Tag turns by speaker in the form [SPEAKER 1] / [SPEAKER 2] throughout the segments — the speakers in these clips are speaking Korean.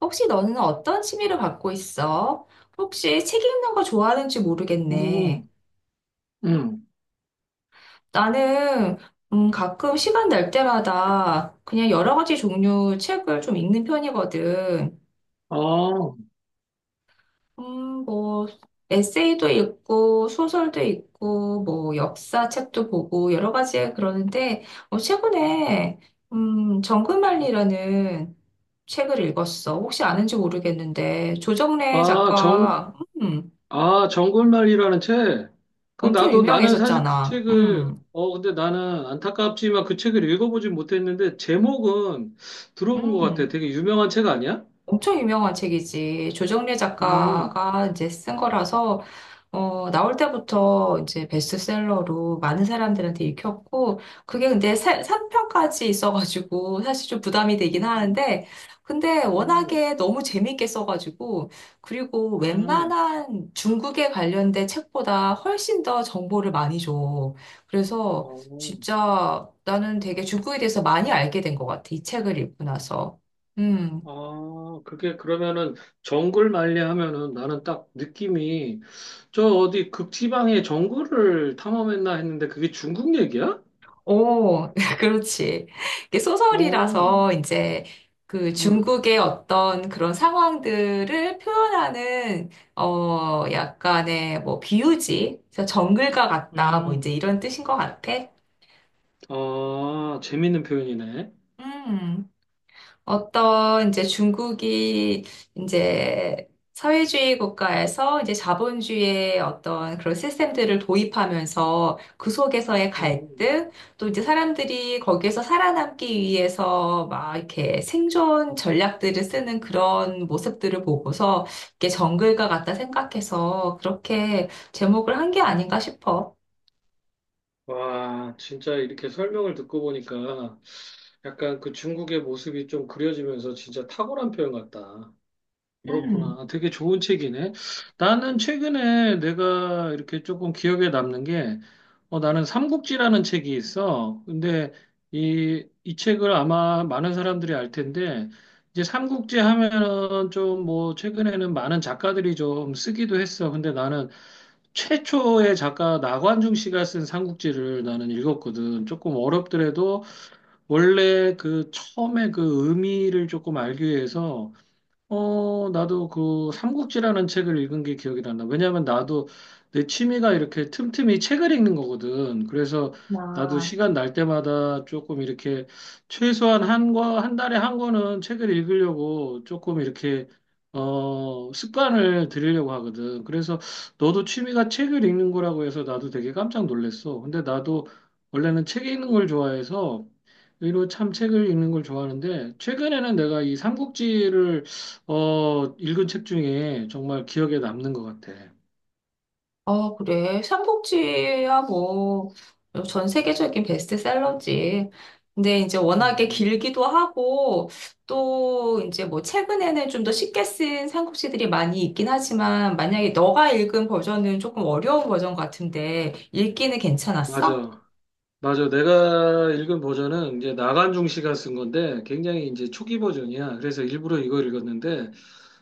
[SPEAKER 1] 혹시 너는 어떤 취미를 갖고 있어? 혹시 책 읽는 거 좋아하는지 모르겠네.
[SPEAKER 2] 음, 음.
[SPEAKER 1] 나는 가끔 시간 날 때마다 그냥 여러 가지 종류 책을 좀 읽는 편이거든.
[SPEAKER 2] 아,
[SPEAKER 1] 뭐 에세이도 읽고 소설도 읽고 뭐 역사 책도 보고 여러 가지 그러는데 최근에 정글만리라는 책을 읽었어. 혹시 아는지 모르겠는데 조정래
[SPEAKER 2] 아,
[SPEAKER 1] 작가 음,
[SPEAKER 2] 아, 정글말이라는 책. 그,
[SPEAKER 1] 엄청
[SPEAKER 2] 나는 사실 그
[SPEAKER 1] 유명했었잖아.
[SPEAKER 2] 책을, 근데 나는 안타깝지만 그 책을 읽어보진 못했는데, 제목은 들어본 것 같아.
[SPEAKER 1] 음.
[SPEAKER 2] 되게 유명한 책 아니야?
[SPEAKER 1] 엄청 유명한 책이지. 조정래
[SPEAKER 2] 음,
[SPEAKER 1] 작가가 이제 쓴 거라서, 나올 때부터 이제 베스트셀러로 많은 사람들한테 읽혔고, 그게 근데 3편까지 있어가지고, 사실 좀 부담이 되긴
[SPEAKER 2] 음,
[SPEAKER 1] 하는데, 근데
[SPEAKER 2] 음,
[SPEAKER 1] 워낙에 너무 재밌게 써가지고, 그리고
[SPEAKER 2] 음.
[SPEAKER 1] 웬만한 중국에 관련된 책보다 훨씬 더 정보를 많이 줘. 그래서
[SPEAKER 2] 어,
[SPEAKER 1] 진짜 나는 되게 중국에 대해서 많이 알게 된 것 같아. 이 책을 읽고 나서. 음.
[SPEAKER 2] 아, 그게 그러면은 정글말리 하면은 나는 딱 느낌이 저 어디 극지방의 정글을 탐험했나 했는데 그게 중국 얘기야?
[SPEAKER 1] 오, 그렇지. 이게
[SPEAKER 2] 어,
[SPEAKER 1] 소설이라서 이제 그
[SPEAKER 2] 음.
[SPEAKER 1] 중국의 어떤 그런 상황들을 표현하는 약간의 뭐 비유지, 그래서 정글과 같다, 뭐 이제
[SPEAKER 2] 음,
[SPEAKER 1] 이런 뜻인 것 같아.
[SPEAKER 2] 아, 재밌는 표현이네.
[SPEAKER 1] 음. 어떤 이제 중국이 이제 사회주의 국가에서 이제 자본주의의 어떤 그런 시스템들을 도입하면서 그 속에서의
[SPEAKER 2] 음.
[SPEAKER 1] 갈등, 또 이제 사람들이 거기에서 살아남기 위해서 막 이렇게 생존 전략들을 쓰는 그런 모습들을 보고서 이게 정글과 같다 생각해서 그렇게 제목을 한 게 아닌가 싶어.
[SPEAKER 2] 와, 진짜 이렇게 설명을 듣고 보니까 약간 그 중국의 모습이 좀 그려지면서 진짜 탁월한 표현 같다.
[SPEAKER 1] 음.
[SPEAKER 2] 그렇구나. 되게 좋은 책이네. 나는 최근에 내가 이렇게 조금 기억에 남는 게, 나는 삼국지라는 책이 있어. 근데 이 책을 아마 많은 사람들이 알 텐데, 이제 삼국지 하면은 좀 뭐, 최근에는 많은 작가들이 좀 쓰기도 했어. 근데 나는 최초의 작가 나관중 씨가 쓴 삼국지를 나는 읽었거든. 조금 어렵더라도 원래 그 처음에 그 의미를 조금 알기 위해서 나도 그 삼국지라는 책을 읽은 게 기억이 난다. 왜냐면 나도 내 취미가 이렇게 틈틈이 책을 읽는 거거든. 그래서 나도
[SPEAKER 1] 나.
[SPEAKER 2] 시간 날 때마다 조금 이렇게 최소한 한과 한 달에 한 권은 책을 읽으려고 조금 이렇게 습관을 들이려고 하거든. 그래서 너도 취미가 책을 읽는 거라고 해서 나도 되게 깜짝 놀랐어. 근데 나도 원래는 책 읽는 걸 좋아해서 의로 참 책을 읽는 걸 좋아하는데 최근에는 내가 이 삼국지를 읽은 책 중에 정말 기억에 남는 것 같아.
[SPEAKER 1] 아, 그래. 삼복지야, 뭐, 전 세계적인 베스트셀러지. 근데 이제 워낙에
[SPEAKER 2] 음,
[SPEAKER 1] 길기도 하고, 또 이제 뭐 최근에는 좀 더 쉽게 쓴 삼국지들이 많이 있긴 하지만, 만약에 너가 읽은 버전은 조금 어려운 버전 같은데, 읽기는 괜찮았어?
[SPEAKER 2] 맞아. 맞아. 내가 읽은 버전은 이제 나간중 씨가 쓴 건데 굉장히 이제 초기 버전이야. 그래서 일부러 이걸 읽었는데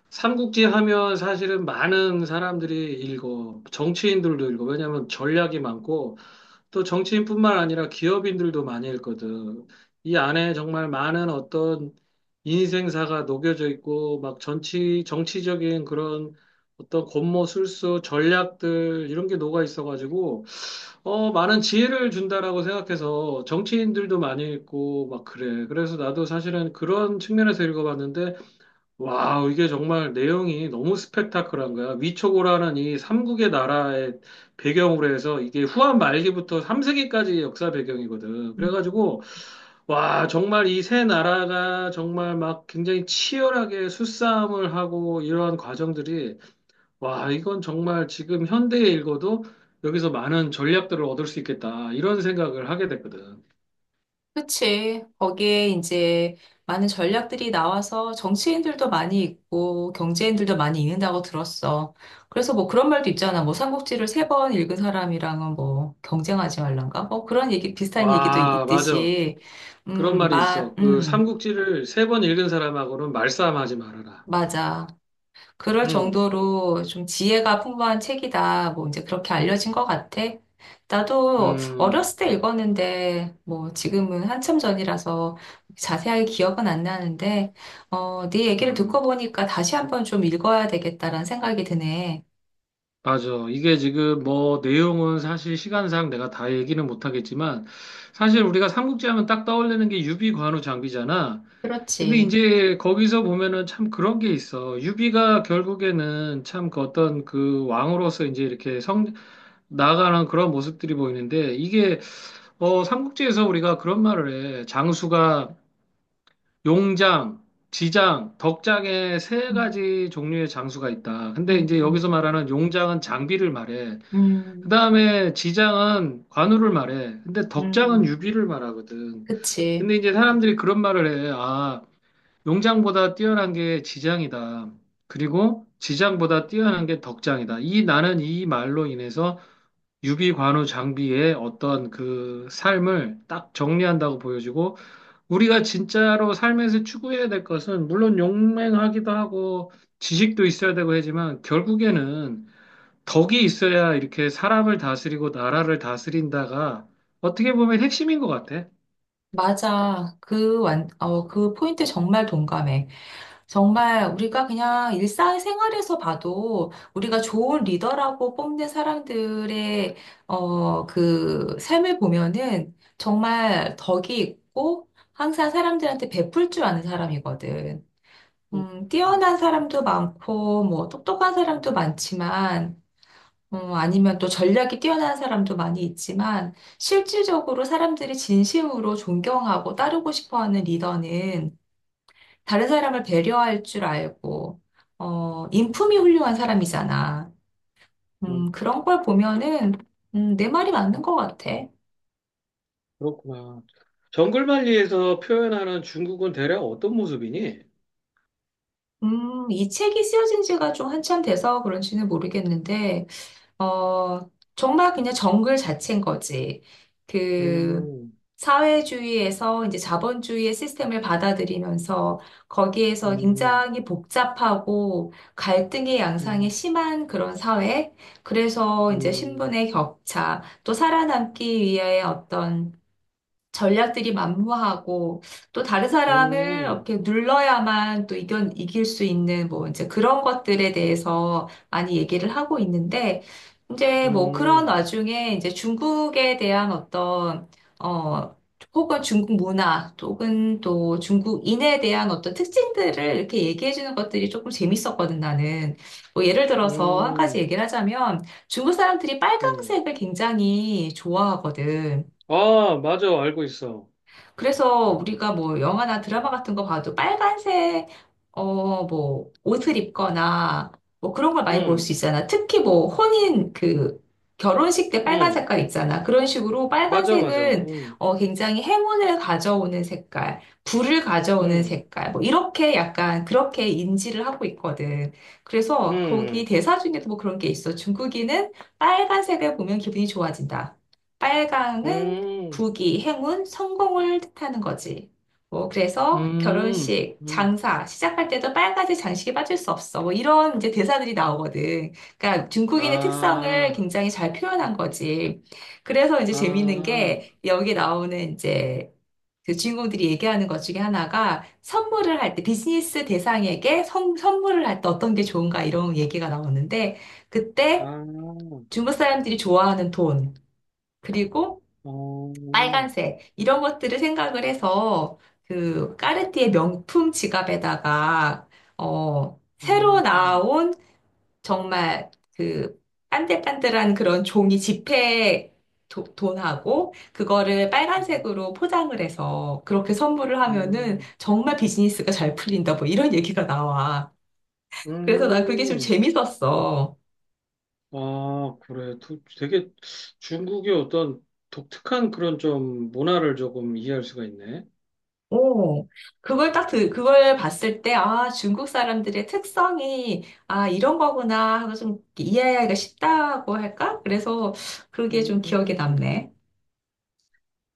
[SPEAKER 2] 삼국지 하면 사실은 많은 사람들이 읽어. 정치인들도 읽어. 왜냐하면 전략이 많고 또 정치인뿐만 아니라 기업인들도 많이 읽거든. 이 안에 정말 많은 어떤 인생사가 녹여져 있고, 막 정치적인 그런 어떤 권모 술수, 전략들, 이런 게 녹아 있어가지고, 많은 지혜를 준다라고 생각해서 정치인들도 많이 읽고, 막 그래. 그래서 나도 사실은 그런 측면에서 읽어봤는데, 와우, 이게 정말 내용이 너무 스펙타클한 거야. 위초고라는 이 삼국의 나라의 배경으로 해서 이게 후한 말기부터 3세기까지 역사 배경이거든. 그래가지고, 와, 정말 이 세 나라가 정말 막 굉장히 치열하게 수싸움을 하고 이러한 과정들이, 와, 이건 정말 지금 현대에 읽어도 여기서 많은 전략들을 얻을 수 있겠다. 이런 생각을 하게 됐거든.
[SPEAKER 1] 그치. 거기에 이제 많은 전략들이 나와서 정치인들도 많이 있고 경제인들도 많이 있는다고 들었어. 그래서 뭐 그런 말도 있잖아. 뭐 삼국지를 세 번 읽은 사람이랑은 뭐 경쟁하지 말란가? 뭐 그런 얘기, 비슷한 얘기도
[SPEAKER 2] 와, 맞아.
[SPEAKER 1] 있듯이.
[SPEAKER 2] 그런
[SPEAKER 1] 음,
[SPEAKER 2] 말이
[SPEAKER 1] 마,
[SPEAKER 2] 있어. 그
[SPEAKER 1] 음,
[SPEAKER 2] 삼국지를 세 번 읽은 사람하고는 말싸움하지 말아라.
[SPEAKER 1] 맞아. 그럴
[SPEAKER 2] 음,
[SPEAKER 1] 정도로 좀 지혜가 풍부한 책이다. 뭐 이제 그렇게 알려진 것 같아. 나도
[SPEAKER 2] 음,
[SPEAKER 1] 어렸을 때 읽었는데 뭐 지금은 한참 전이라서 자세하게 기억은 안 나는데 네 얘기를 듣고
[SPEAKER 2] 음,
[SPEAKER 1] 보니까 다시 한번 좀 읽어야 되겠다라는 생각이 드네.
[SPEAKER 2] 맞아. 이게 지금 뭐 내용은 사실 시간상 내가 다 얘기는 못하겠지만 사실 우리가 삼국지 하면 딱 떠올리는 게 유비 관우 장비잖아. 근데
[SPEAKER 1] 그렇지.
[SPEAKER 2] 이제 거기서 보면은 참 그런 게 있어. 유비가 결국에는 참 그 어떤 그 왕으로서 이제 이렇게 나아가는 그런 모습들이 보이는데 이게 삼국지에서 우리가 그런 말을 해. 장수가 용장, 지장, 덕장에 세
[SPEAKER 1] 음.
[SPEAKER 2] 가지 종류의 장수가 있다. 근데 이제 여기서
[SPEAKER 1] 음,
[SPEAKER 2] 말하는 용장은 장비를 말해. 그
[SPEAKER 1] 음,
[SPEAKER 2] 다음에 지장은 관우를 말해. 근데 덕장은
[SPEAKER 1] 음,
[SPEAKER 2] 유비를 말하거든.
[SPEAKER 1] 그치.
[SPEAKER 2] 근데 이제 사람들이 그런 말을 해. 아, 용장보다 뛰어난 게 지장이다. 그리고 지장보다 뛰어난 게 덕장이다. 이 나는 이 말로 인해서 유비, 관우, 장비의 어떤 그 삶을 딱 정리한다고 보여지고 우리가 진짜로 삶에서 추구해야 될 것은 물론 용맹하기도 하고 지식도 있어야 되고 하지만 결국에는 덕이 있어야 이렇게 사람을 다스리고 나라를 다스린다가 어떻게 보면 핵심인 것 같아.
[SPEAKER 1] 맞아. 그 포인트 정말 동감해. 정말 우리가 그냥 일상생활에서 봐도 우리가 좋은 리더라고 뽐낸 사람들의 그 삶을 보면은 정말 덕이 있고 항상 사람들한테 베풀 줄 아는 사람이거든.
[SPEAKER 2] 음, 음,
[SPEAKER 1] 뛰어난 사람도 많고 뭐 똑똑한 사람도 많지만 아니면 또 전략이 뛰어난 사람도 많이 있지만 실질적으로 사람들이 진심으로 존경하고 따르고 싶어하는 리더는 다른 사람을 배려할 줄 알고, 인품이 훌륭한 사람이잖아.
[SPEAKER 2] 음,
[SPEAKER 1] 그런 걸 보면은, 내 말이 맞는 것 같아.
[SPEAKER 2] 그렇구나. 정글만리에서 표현하는 중국은 대략 어떤 모습이니?
[SPEAKER 1] 이 책이 쓰여진 지가 좀 한참 돼서 그런지는 모르겠는데, 어, 정말 그냥 정글 자체인 거지. 그,
[SPEAKER 2] 음,
[SPEAKER 1] 사회주의에서 이제 자본주의의 시스템을 받아들이면서 거기에서
[SPEAKER 2] 음,
[SPEAKER 1] 굉장히 복잡하고 갈등의 양상이
[SPEAKER 2] 음,
[SPEAKER 1] 심한 그런 사회. 그래서 이제
[SPEAKER 2] 음,
[SPEAKER 1] 신분의 격차, 또 살아남기 위해 어떤 전략들이 만무하고 또 다른 사람을
[SPEAKER 2] 음,
[SPEAKER 1] 이렇게 눌러야만 또 이겨, 이길 수 있는 뭐 이제 그런 것들에 대해서 많이 얘기를 하고 있는데 이제 뭐 그런
[SPEAKER 2] 음,
[SPEAKER 1] 와중에 이제 중국에 대한 어떤 어 혹은 중국 문화 혹은 또 중국인에 대한 어떤 특징들을 이렇게 얘기해 주는 것들이 조금 재밌었거든 나는 뭐 예를 들어서 한 가지
[SPEAKER 2] 음,
[SPEAKER 1] 얘기를 하자면 중국 사람들이
[SPEAKER 2] 음.
[SPEAKER 1] 빨강색을 굉장히 좋아하거든.
[SPEAKER 2] 아, 맞아, 알고 있어.
[SPEAKER 1] 그래서 우리가 뭐 영화나 드라마 같은 거 봐도 빨간색, 뭐 옷을 입거나 뭐 그런 걸 많이 볼 수
[SPEAKER 2] 음.
[SPEAKER 1] 있잖아. 특히 뭐 혼인 그 결혼식 때 빨간
[SPEAKER 2] 응,
[SPEAKER 1] 색깔 있잖아. 그런 식으로
[SPEAKER 2] 맞아, 맞아.
[SPEAKER 1] 빨간색은
[SPEAKER 2] 응,
[SPEAKER 1] 굉장히 행운을 가져오는 색깔, 불을 가져오는
[SPEAKER 2] 응,
[SPEAKER 1] 색깔, 뭐 이렇게 약간 그렇게 인지를 하고 있거든. 그래서 거기
[SPEAKER 2] 응,
[SPEAKER 1] 대사 중에도 뭐 그런 게 있어. 중국인은 빨간색을 보면 기분이 좋아진다. 빨강은
[SPEAKER 2] 응,
[SPEAKER 1] 부귀, 행운, 성공을 뜻하는 거지. 뭐, 그래서
[SPEAKER 2] 응,
[SPEAKER 1] 결혼식,
[SPEAKER 2] 응.
[SPEAKER 1] 장사, 시작할 때도 빨간색 장식에 빠질 수 없어. 뭐, 이런 이제 대사들이 나오거든. 그러니까 중국인의 특성을
[SPEAKER 2] 아,
[SPEAKER 1] 굉장히 잘 표현한 거지. 그래서 이제 재밌는
[SPEAKER 2] 아,
[SPEAKER 1] 게 여기 나오는 이제 그 주인공들이 얘기하는 것 중에 하나가 선물을 할 때, 비즈니스 대상에게 선, 선물을 할 때 어떤 게 좋은가 이런 얘기가 나오는데, 그때
[SPEAKER 2] 아,
[SPEAKER 1] 중국 사람들이 좋아하는 돈, 그리고
[SPEAKER 2] 어,
[SPEAKER 1] 빨간색 이런 것들을 생각을 해서 그 까르띠에 명품 지갑에다가 새로
[SPEAKER 2] 음,
[SPEAKER 1] 나온 정말 그 빤들빤들한 그런 종이 지폐 도- 돈하고 그거를
[SPEAKER 2] 음,
[SPEAKER 1] 빨간색으로 포장을 해서 그렇게 선물을 하면은
[SPEAKER 2] 음,
[SPEAKER 1] 정말 비즈니스가 잘 풀린다 뭐 이런 얘기가 나와. 그래서 난 그게 좀
[SPEAKER 2] 음.
[SPEAKER 1] 재밌었어.
[SPEAKER 2] 아, 그래. 되게 중국의 어떤 독특한 그런 좀 문화를 조금 이해할 수가 있네.
[SPEAKER 1] 오, 그걸 딱 들, 그걸 봤을 때, 아, 중국 사람들의 특성이, 아, 이런 거구나 하고 좀 이해하기가 쉽다고 할까? 그래서 그게 좀 기억에
[SPEAKER 2] 음.
[SPEAKER 1] 남네.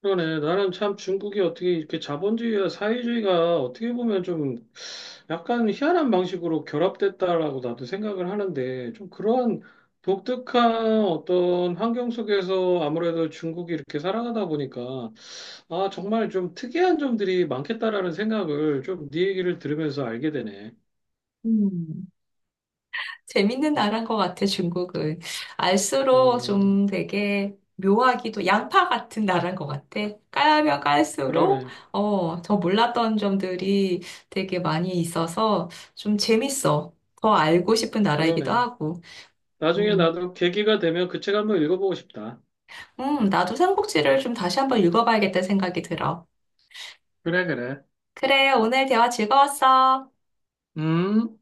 [SPEAKER 2] 그러네. 나는 참 중국이 어떻게 이렇게 자본주의와 사회주의가 어떻게 보면 좀 약간 희한한 방식으로 결합됐다라고 나도 생각을 하는데 좀 그러한 독특한 어떤 환경 속에서 아무래도 중국이 이렇게 살아가다 보니까 아, 정말 좀 특이한 점들이 많겠다라는 생각을 좀 네 얘기를 들으면서 알게 되네.
[SPEAKER 1] 음, 재밌는 나라인 것 같아, 중국은. 알수록
[SPEAKER 2] 음,
[SPEAKER 1] 좀 되게 묘하기도, 양파 같은 나라인 것 같아. 까면 깔수록,
[SPEAKER 2] 그러네,
[SPEAKER 1] 더 몰랐던 점들이 되게 많이 있어서 좀 재밌어. 더 알고 싶은 나라이기도
[SPEAKER 2] 그러네.
[SPEAKER 1] 하고.
[SPEAKER 2] 나중에
[SPEAKER 1] 음,
[SPEAKER 2] 나도 계기가 되면 그 책 한번 읽어보고 싶다.
[SPEAKER 1] 나도 삼국지를 좀 다시 한번 읽어봐야겠다는 생각이 들어.
[SPEAKER 2] 그래, 그래.
[SPEAKER 1] 그래, 오늘 대화 즐거웠어.
[SPEAKER 2] 음.